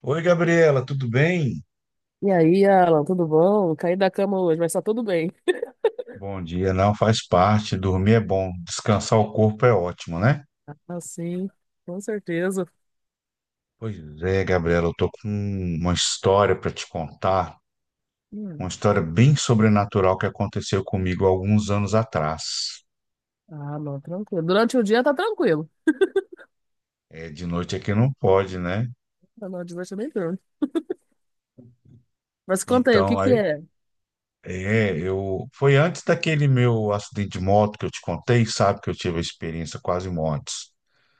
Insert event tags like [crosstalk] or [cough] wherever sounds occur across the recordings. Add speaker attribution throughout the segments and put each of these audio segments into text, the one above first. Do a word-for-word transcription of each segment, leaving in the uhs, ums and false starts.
Speaker 1: Oi, Gabriela, tudo bem?
Speaker 2: E aí, Alan, tudo bom? Caí da cama hoje, mas tá tudo bem.
Speaker 1: Bom dia, não faz parte, dormir é bom, descansar o corpo é ótimo, né?
Speaker 2: Ah, sim, com certeza.
Speaker 1: Pois é, Gabriela, eu tô com uma história para te contar, uma
Speaker 2: Hum.
Speaker 1: história bem sobrenatural que aconteceu comigo há alguns anos atrás.
Speaker 2: Ah, não, tranquilo. Durante o dia tá tranquilo.
Speaker 1: É, de noite aqui não pode, né?
Speaker 2: Ah, não, de noite é bem tranquilo. Mas conta aí, o que
Speaker 1: Então,
Speaker 2: que
Speaker 1: aí,
Speaker 2: é?
Speaker 1: é, eu foi antes daquele meu acidente de moto que eu te contei, sabe que eu tive a experiência quase mortes,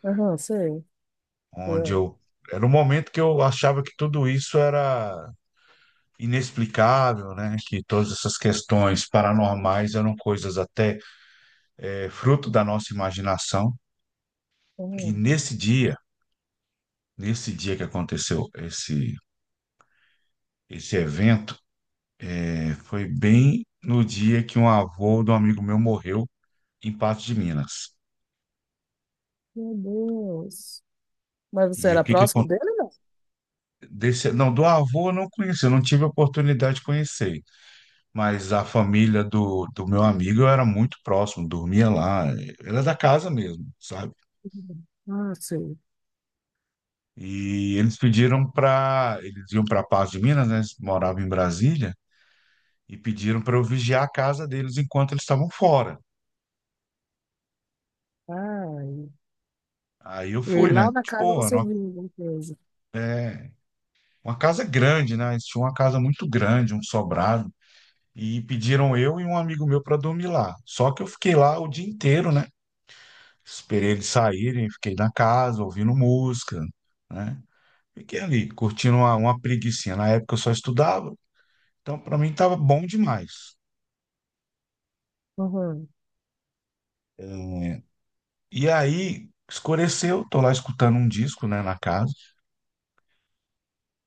Speaker 2: Aham, sei.
Speaker 1: onde
Speaker 2: Aham.
Speaker 1: eu era um momento que eu achava que tudo isso era inexplicável, né? Que todas essas questões paranormais eram coisas até é, fruto da nossa imaginação. E
Speaker 2: Aham.
Speaker 1: nesse dia, nesse dia que aconteceu esse esse evento, é, foi bem no dia que um avô de um amigo meu morreu em Patos de Minas.
Speaker 2: Meu Deus. Mas
Speaker 1: E
Speaker 2: você
Speaker 1: o
Speaker 2: era
Speaker 1: que que
Speaker 2: próximo dele, não?
Speaker 1: aconteceu? Não, do avô eu não conheci, eu não tive a oportunidade de conhecer, mas a família do, do meu amigo eu era muito próximo, dormia lá, eh, era da casa mesmo, sabe?
Speaker 2: Ah, sei.
Speaker 1: E eles pediram para. Eles iam para Paz de Minas, né? Eles moravam em Brasília, e pediram para eu vigiar a casa deles enquanto eles estavam fora.
Speaker 2: Ai.
Speaker 1: Aí eu
Speaker 2: E aí
Speaker 1: fui, né?
Speaker 2: lá na casa
Speaker 1: Tipo, era
Speaker 2: você
Speaker 1: uma,
Speaker 2: viu alguma coisa.
Speaker 1: é, uma casa grande, né? Eles tinham uma casa muito grande, um sobrado. E pediram eu e um amigo meu para dormir lá. Só que eu fiquei lá o dia inteiro, né? Esperei eles saírem, fiquei na casa, ouvindo música, né? Fiquei ali, curtindo uma, uma preguicinha. Na época eu só estudava, então para mim estava bom demais.
Speaker 2: Aham.
Speaker 1: E aí escureceu, tô lá escutando um disco, né, na casa.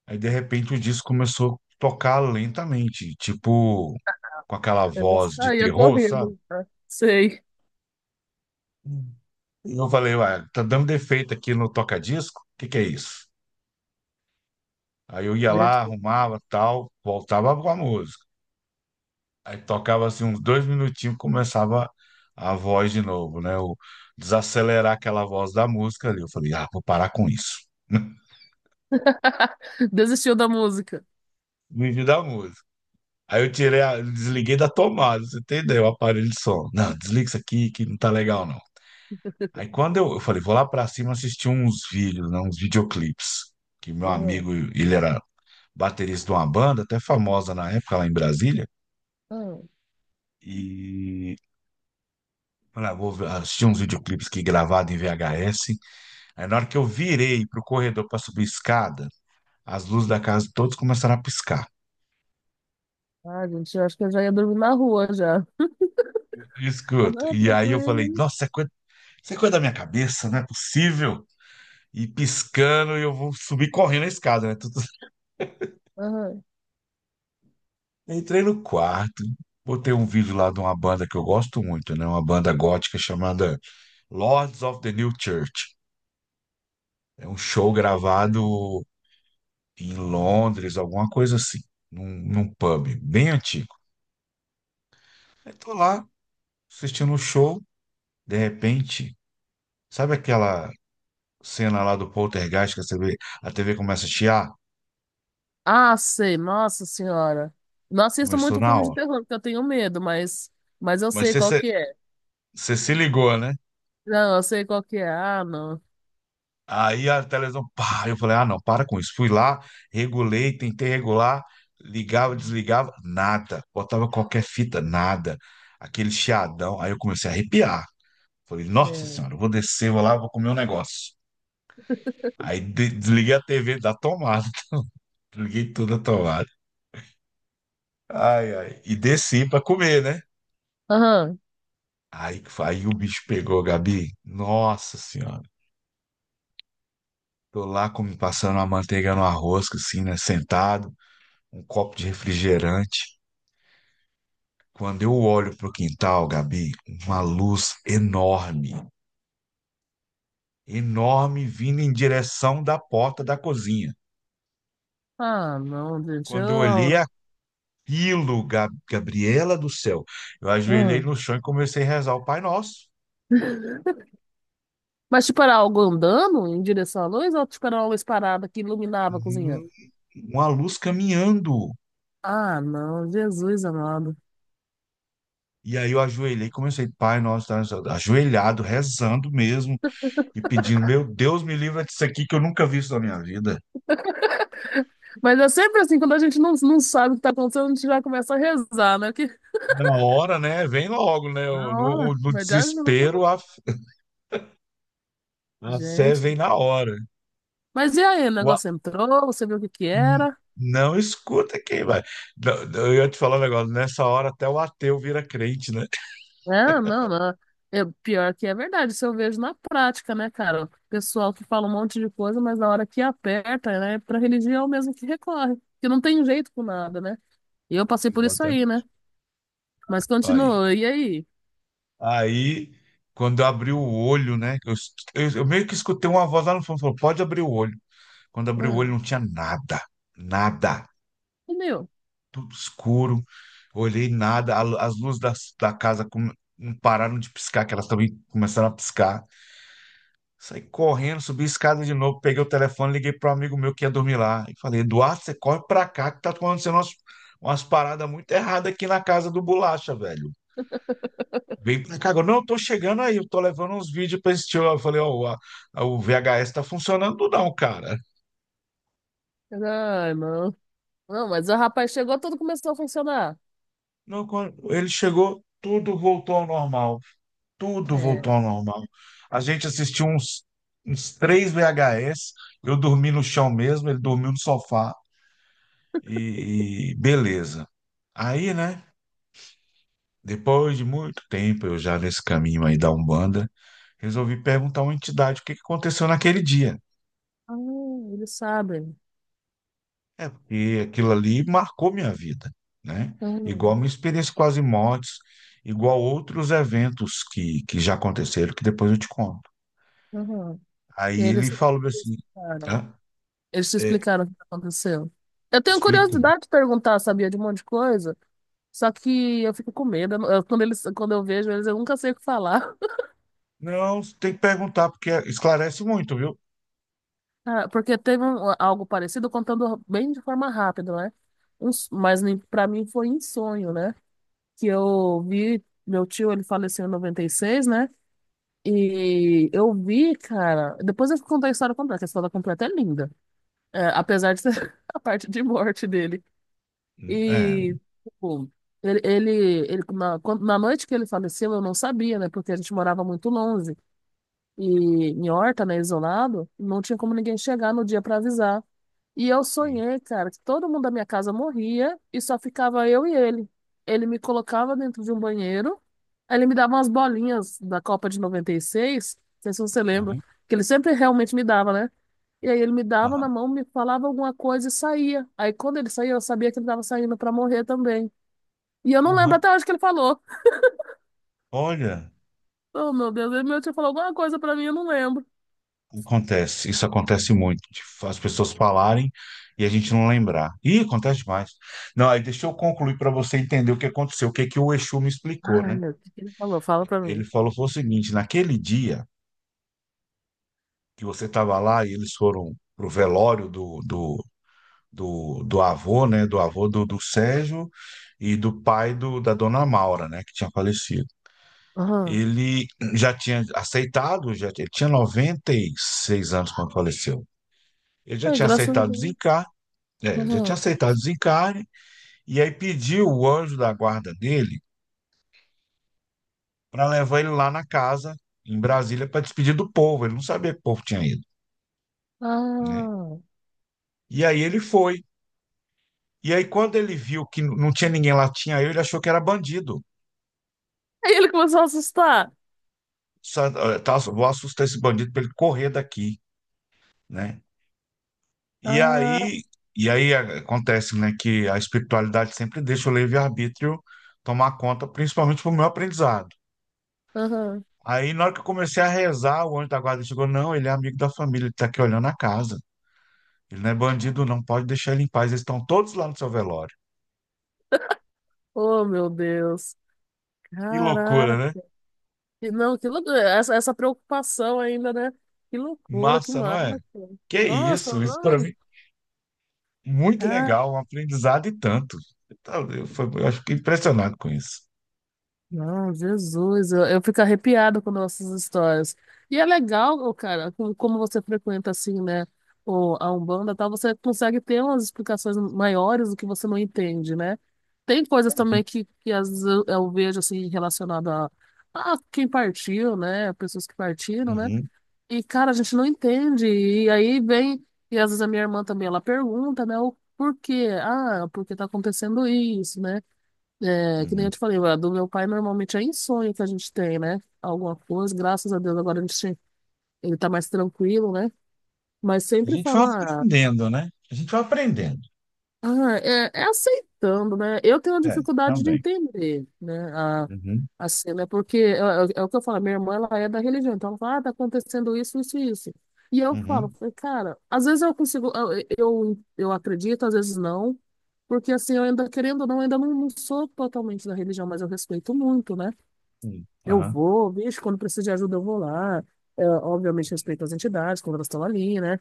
Speaker 1: Aí de repente o disco começou a tocar lentamente, tipo com aquela
Speaker 2: Eu já
Speaker 1: voz de
Speaker 2: saía
Speaker 1: terror, sabe?
Speaker 2: correndo. Ah, sei.
Speaker 1: E eu falei, ué, tá dando defeito aqui no toca-disco? O que que é isso? Aí eu ia lá,
Speaker 2: Gente.
Speaker 1: arrumava, tal, voltava com a música. Aí tocava assim uns dois minutinhos, começava a voz de novo, né? O desacelerar aquela voz da música ali. Eu falei, ah, vou parar com isso. [laughs]
Speaker 2: [laughs] Desistiu da música.
Speaker 1: Me vi da música. Aí eu tirei, a- desliguei da tomada, você entendeu? O aparelho de som. Não, desliga isso aqui que não tá legal, não. Aí quando eu, eu falei, vou lá pra cima assistir uns vídeos, né, uns videoclipes, que meu amigo, ele era baterista de uma banda, até famosa na época lá em Brasília,
Speaker 2: Aham.
Speaker 1: e falei, ah, vou ver- assistir uns videoclipes que gravado em V H S. Aí na hora que eu virei pro corredor pra subir escada, as luzes da casa todas começaram a piscar.
Speaker 2: Ah, gente, eu acho que eu já ia dormir na rua já. [laughs] Ah,
Speaker 1: Escuta.
Speaker 2: não,
Speaker 1: E aí eu falei,
Speaker 2: tranquilo.
Speaker 1: nossa, isso é coisa, isso é coisa da minha cabeça, não é possível. E piscando, e eu vou subir correndo a escada, né? Tudo- [laughs]
Speaker 2: Aham.
Speaker 1: Entrei no quarto, botei um vídeo lá de uma banda que eu gosto muito, né? Uma banda gótica chamada Lords of the New Church. É um show gravado em Londres, alguma coisa assim, num, num pub bem antigo. Aí tô lá assistindo o show, de repente, sabe aquela cena lá do Poltergeist que a T V, a T V começa a chiar?
Speaker 2: Ah, sei, nossa senhora. Não assisto
Speaker 1: Começou
Speaker 2: muito
Speaker 1: na
Speaker 2: filme de
Speaker 1: hora.
Speaker 2: terror, porque eu tenho medo, mas, mas eu
Speaker 1: Mas
Speaker 2: sei
Speaker 1: você
Speaker 2: qual
Speaker 1: você-
Speaker 2: que é.
Speaker 1: você se ligou, né?
Speaker 2: Não, eu sei qual que é. Ah, não.
Speaker 1: Aí a televisão, pá, eu falei, ah, não, para com isso. Fui lá, regulei, tentei regular, ligava, desligava, nada. Botava qualquer fita, nada. Aquele chiadão. Aí eu comecei a arrepiar. Falei, nossa
Speaker 2: É.
Speaker 1: senhora, eu vou descer, vou lá, vou comer um negócio. Aí de- desliguei a T V da tomada, [laughs] desliguei toda a tomada. Ai, ai. E desci pra comer, né?
Speaker 2: Aham.
Speaker 1: Aí, que fa- aí o bicho pegou, Gabi. Nossa senhora. Tô lá como, passando uma manteiga no arroz, assim, né? Sentado, um copo de refrigerante. Quando eu olho para o quintal, Gabi, uma luz enorme, enorme vindo em direção da porta da cozinha.
Speaker 2: Ah, não, gente.
Speaker 1: Quando eu olhei
Speaker 2: Eu...
Speaker 1: aquilo, Ga- Gabriela do céu, eu
Speaker 2: Ah.
Speaker 1: ajoelhei no chão e comecei a rezar o Pai Nosso.
Speaker 2: [laughs] Mas tipo, era algo andando em direção à luz ou tipo, era uma luz parada que iluminava a cozinha?
Speaker 1: Hum, Uma luz caminhando.
Speaker 2: Ah, não, Jesus amado.
Speaker 1: E aí eu ajoelhei, comecei, Pai Nosso, tá, ajoelhado, rezando mesmo e pedindo, meu Deus, me livra disso aqui que eu nunca vi isso na minha vida.
Speaker 2: Mas é sempre assim, quando a gente não, não sabe o que tá acontecendo, a gente já começa a rezar, né?
Speaker 1: Na hora, né? Vem logo, né? O-
Speaker 2: Na
Speaker 1: No, o-
Speaker 2: hora,
Speaker 1: no
Speaker 2: verdade não.
Speaker 1: desespero, a a fé
Speaker 2: Gente.
Speaker 1: vem na hora.
Speaker 2: Mas e aí, o
Speaker 1: O a-
Speaker 2: negócio entrou, você viu o que que
Speaker 1: n-
Speaker 2: era?
Speaker 1: Não escuta quem vai. Não, não, eu ia te falar um negócio, nessa hora até o ateu vira crente, né?
Speaker 2: Ah, não, não. Eu, pior que é verdade, isso eu vejo na prática, né, cara? O pessoal que fala um monte de coisa, mas na hora que aperta, né, pra religião mesmo que recorre, que não tem jeito com nada, né? E eu passei por isso aí, né?
Speaker 1: Exatamente.
Speaker 2: Mas
Speaker 1: Aí,
Speaker 2: continua, e aí?
Speaker 1: aí quando eu abri o olho, né? Eu, es- eu- eu meio que escutei uma voz lá no fundo, falou, pode abrir o olho. Quando abri o
Speaker 2: Ah,
Speaker 1: olho não tinha nada, nada,
Speaker 2: sumiu.
Speaker 1: tudo escuro. Olhei nada, a lu- as luzes da da, casa come- não pararam de piscar, que elas também começaram a piscar. Saí correndo, subi a escada de novo, peguei o telefone, liguei para um amigo meu que ia dormir lá. E falei, Eduardo, você corre pra cá que tá acontecendo umas, umas paradas muito erradas aqui na casa do Bolacha, velho. Vem pra cá agora. Não, eu tô chegando aí, eu tô levando uns vídeos pra assistir. Eu falei, ó, o a- a- o V H S tá funcionando não, cara.
Speaker 2: Ai, não. Não, mas o rapaz chegou, tudo começou a funcionar.
Speaker 1: Não, quando ele chegou, tudo voltou ao normal. Tudo
Speaker 2: É.
Speaker 1: voltou ao normal. A gente assistiu uns, uns três V H S, eu dormi no chão mesmo, ele dormiu no sofá. E, e beleza. Aí, né, depois de muito tempo, eu já nesse caminho aí da Umbanda, resolvi perguntar a uma entidade o que que aconteceu naquele dia.
Speaker 2: Ah, eles sabem.
Speaker 1: É, porque aquilo ali marcou minha vida, né? Igual
Speaker 2: Ah,
Speaker 1: minha experiência com as mortes, igual outros eventos que, que já aconteceram, que depois eu te conto.
Speaker 2: ah. E
Speaker 1: Aí
Speaker 2: eles
Speaker 1: ele
Speaker 2: te
Speaker 1: falou assim,
Speaker 2: explicaram.
Speaker 1: hã?
Speaker 2: Eles te
Speaker 1: É,
Speaker 2: explicaram o que aconteceu. Eu tenho
Speaker 1: explicou.
Speaker 2: curiosidade de perguntar, sabia, de um monte de coisa. Só que eu fico com medo. Eu não- eu- quando eles, quando eu vejo eles, eu nunca sei o que falar. [laughs]
Speaker 1: Não, você tem que perguntar, porque esclarece muito, viu?
Speaker 2: Ah, porque teve um- algo parecido, contando bem de forma rápida, né? Um s- mas nem- pra mim foi em sonho, né? Que eu vi, meu tio, ele faleceu em noventa e seis né? E eu vi, cara. Depois eu vou contar a história completa, que a história completa é linda. É, apesar de ser [laughs] a parte de morte dele.
Speaker 1: É,
Speaker 2: E tipo, ele, ele, ele- na, quando- na noite que ele faleceu, eu não sabia, né? Porque a gente morava muito longe. E em Horta, né, isolado, não tinha como ninguém chegar no dia para avisar. E eu
Speaker 1: sim.
Speaker 2: sonhei, cara, que todo mundo da minha casa morria e só ficava eu e ele. Ele me colocava dentro de um banheiro, aí ele me dava umas bolinhas da Copa de noventa e seis, não sei se você lembra,
Speaker 1: Aham,
Speaker 2: que ele sempre realmente me dava, né? E aí ele me dava na
Speaker 1: aham,
Speaker 2: mão, me falava alguma coisa e saía. Aí quando ele saía, eu sabia que ele estava saindo pra morrer também. E eu não lembro
Speaker 1: aham.
Speaker 2: até hoje o que ele falou.
Speaker 1: Olha,
Speaker 2: Oh, meu Deus, ele meu tio falou alguma coisa pra mim, eu não lembro.
Speaker 1: acontece, isso acontece muito, de as pessoas falarem e a gente não lembrar. Ih, acontece demais. Não, aí deixa eu concluir para você entender o que aconteceu, o que que o Exu me explicou,
Speaker 2: Ai,
Speaker 1: né?
Speaker 2: meu, o que que ele falou? Fala pra
Speaker 1: Ele
Speaker 2: mim.
Speaker 1: falou foi o seguinte, naquele dia que você estava lá e eles foram pro velório do, do, do, do avô, né? Do avô do, do Sérgio e do pai do, da dona Maura, né? Que tinha falecido.
Speaker 2: Aham.
Speaker 1: Ele já tinha aceitado, já, ele tinha noventa e seis anos quando faleceu. Ele já
Speaker 2: Aí,
Speaker 1: tinha
Speaker 2: graças a
Speaker 1: aceitado
Speaker 2: Deus.
Speaker 1: zicar. É, ele já tinha
Speaker 2: Aham.
Speaker 1: aceitado o desencarne e aí pediu o anjo da guarda dele para levar ele lá na casa, em Brasília, para despedir do povo. Ele não sabia que o povo tinha ido, né?
Speaker 2: Ah.
Speaker 1: E aí ele foi. E aí, quando ele viu que não tinha ninguém lá, tinha eu, ele achou que era bandido.
Speaker 2: Aí ele começou a assustar.
Speaker 1: Sa- eh, tá, vou assustar esse bandido para ele correr daqui, né? E
Speaker 2: Ah,
Speaker 1: aí, e aí a- acontece, né, que a espiritualidade sempre deixa o livre-arbítrio tomar conta, principalmente para o meu aprendizado.
Speaker 2: aham.
Speaker 1: Aí, na hora que eu comecei a rezar, o anjo da guarda chegou: não, ele é amigo da família, ele tá aqui olhando a casa. Ele não é bandido, não pode deixar ele em paz. Eles estão todos lá no seu velório.
Speaker 2: Oh, meu Deus.
Speaker 1: Que loucura, né?
Speaker 2: Caraca. E não, que loucura. Essa, essa preocupação ainda, né? Que loucura, que
Speaker 1: Massa, não
Speaker 2: massa.
Speaker 1: é? Que
Speaker 2: Nossa,
Speaker 1: isso, isso para
Speaker 2: mano.
Speaker 1: mim, muito legal, um aprendizado e tanto. Então, eu, foi- eu acho que impressionado com isso.
Speaker 2: Não, Jesus, eu, eu fico arrepiado com nossas histórias. E é legal, ô, cara, como, como você frequenta assim, né, o, a Umbanda, e tal, você consegue ter umas explicações maiores do que você não entende, né? Tem coisas
Speaker 1: Uhum,
Speaker 2: também que, que às vezes eu, eu vejo assim relacionada a, a quem partiu, né, pessoas que partiram, né?
Speaker 1: uhum,
Speaker 2: E cara, a gente não entende. E aí vem, e às vezes a minha irmã também, ela pergunta, né, o porquê? Ah, porque tá acontecendo isso, né? É, que nem
Speaker 1: uhum.
Speaker 2: eu te falei, a do meu pai normalmente é em sonho que a gente tem, né? Alguma coisa, graças a Deus agora a gente, ele tá mais tranquilo, né? Mas
Speaker 1: A
Speaker 2: sempre
Speaker 1: gente vai
Speaker 2: falar
Speaker 1: aprendendo, né? A gente vai aprendendo.
Speaker 2: ah, ah, é, é aceitando, né? Eu tenho uma
Speaker 1: É,
Speaker 2: dificuldade de
Speaker 1: também.
Speaker 2: entender, né? A,
Speaker 1: Uhum,
Speaker 2: a cena, é porque é, é- é o que eu falo, minha irmã, ela é da religião, então ela fala, ah, tá acontecendo isso, isso e isso. E eu falo,
Speaker 1: uhum,
Speaker 2: falei, cara, às vezes eu consigo, eu, eu, eu acredito, às vezes não, porque assim, eu ainda, querendo ou não, ainda não, não sou totalmente da religião, mas eu respeito muito, né?
Speaker 1: sim.
Speaker 2: Eu
Speaker 1: Aham,
Speaker 2: vou, vejo quando precisa de ajuda, eu vou lá. É, obviamente respeito as entidades, quando elas estão ali, né?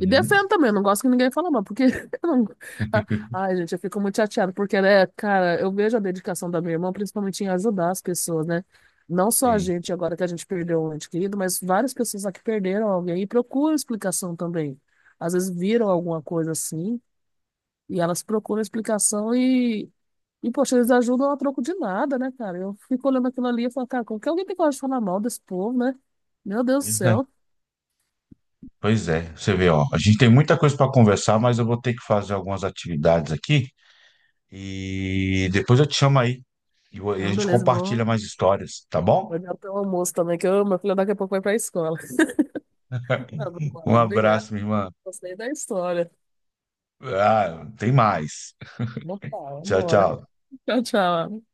Speaker 2: E defendo também, eu não gosto que ninguém fale mal, porque [laughs] eu não... Ah,
Speaker 1: [laughs]
Speaker 2: ai, gente, eu fico muito chateada, porque, né, cara, eu vejo a dedicação da minha irmã, principalmente em ajudar as pessoas, né? Não só a
Speaker 1: Sim.
Speaker 2: gente, agora que a gente perdeu um ente querido, mas várias pessoas aqui perderam alguém e procuram explicação também. Às vezes viram alguma coisa assim, e elas procuram explicação e e, poxa, eles ajudam a troco de nada, né, cara? Eu fico olhando aquilo ali e falo, cara, como que alguém tem coragem de falar mal desse povo, né? Meu Deus do
Speaker 1: Pois é.
Speaker 2: céu.
Speaker 1: Pois é, você vê, ó, a gente tem muita coisa para conversar, mas eu vou ter que fazer algumas atividades aqui e depois eu te chamo aí e vo- e a
Speaker 2: Não,
Speaker 1: gente
Speaker 2: beleza,
Speaker 1: compartilha
Speaker 2: vou
Speaker 1: mais histórias, tá
Speaker 2: vou
Speaker 1: bom?
Speaker 2: olhar o almoço também, que eu, meu filho daqui a pouco vai pra escola. [laughs]
Speaker 1: [laughs]
Speaker 2: Tá bom,
Speaker 1: Um
Speaker 2: obrigado.
Speaker 1: abraço, minha irmã.
Speaker 2: Gostei da história.
Speaker 1: Ah, tem mais.
Speaker 2: Opa,
Speaker 1: Tchau,
Speaker 2: vambora.
Speaker 1: tchau.
Speaker 2: Tchau, tchau.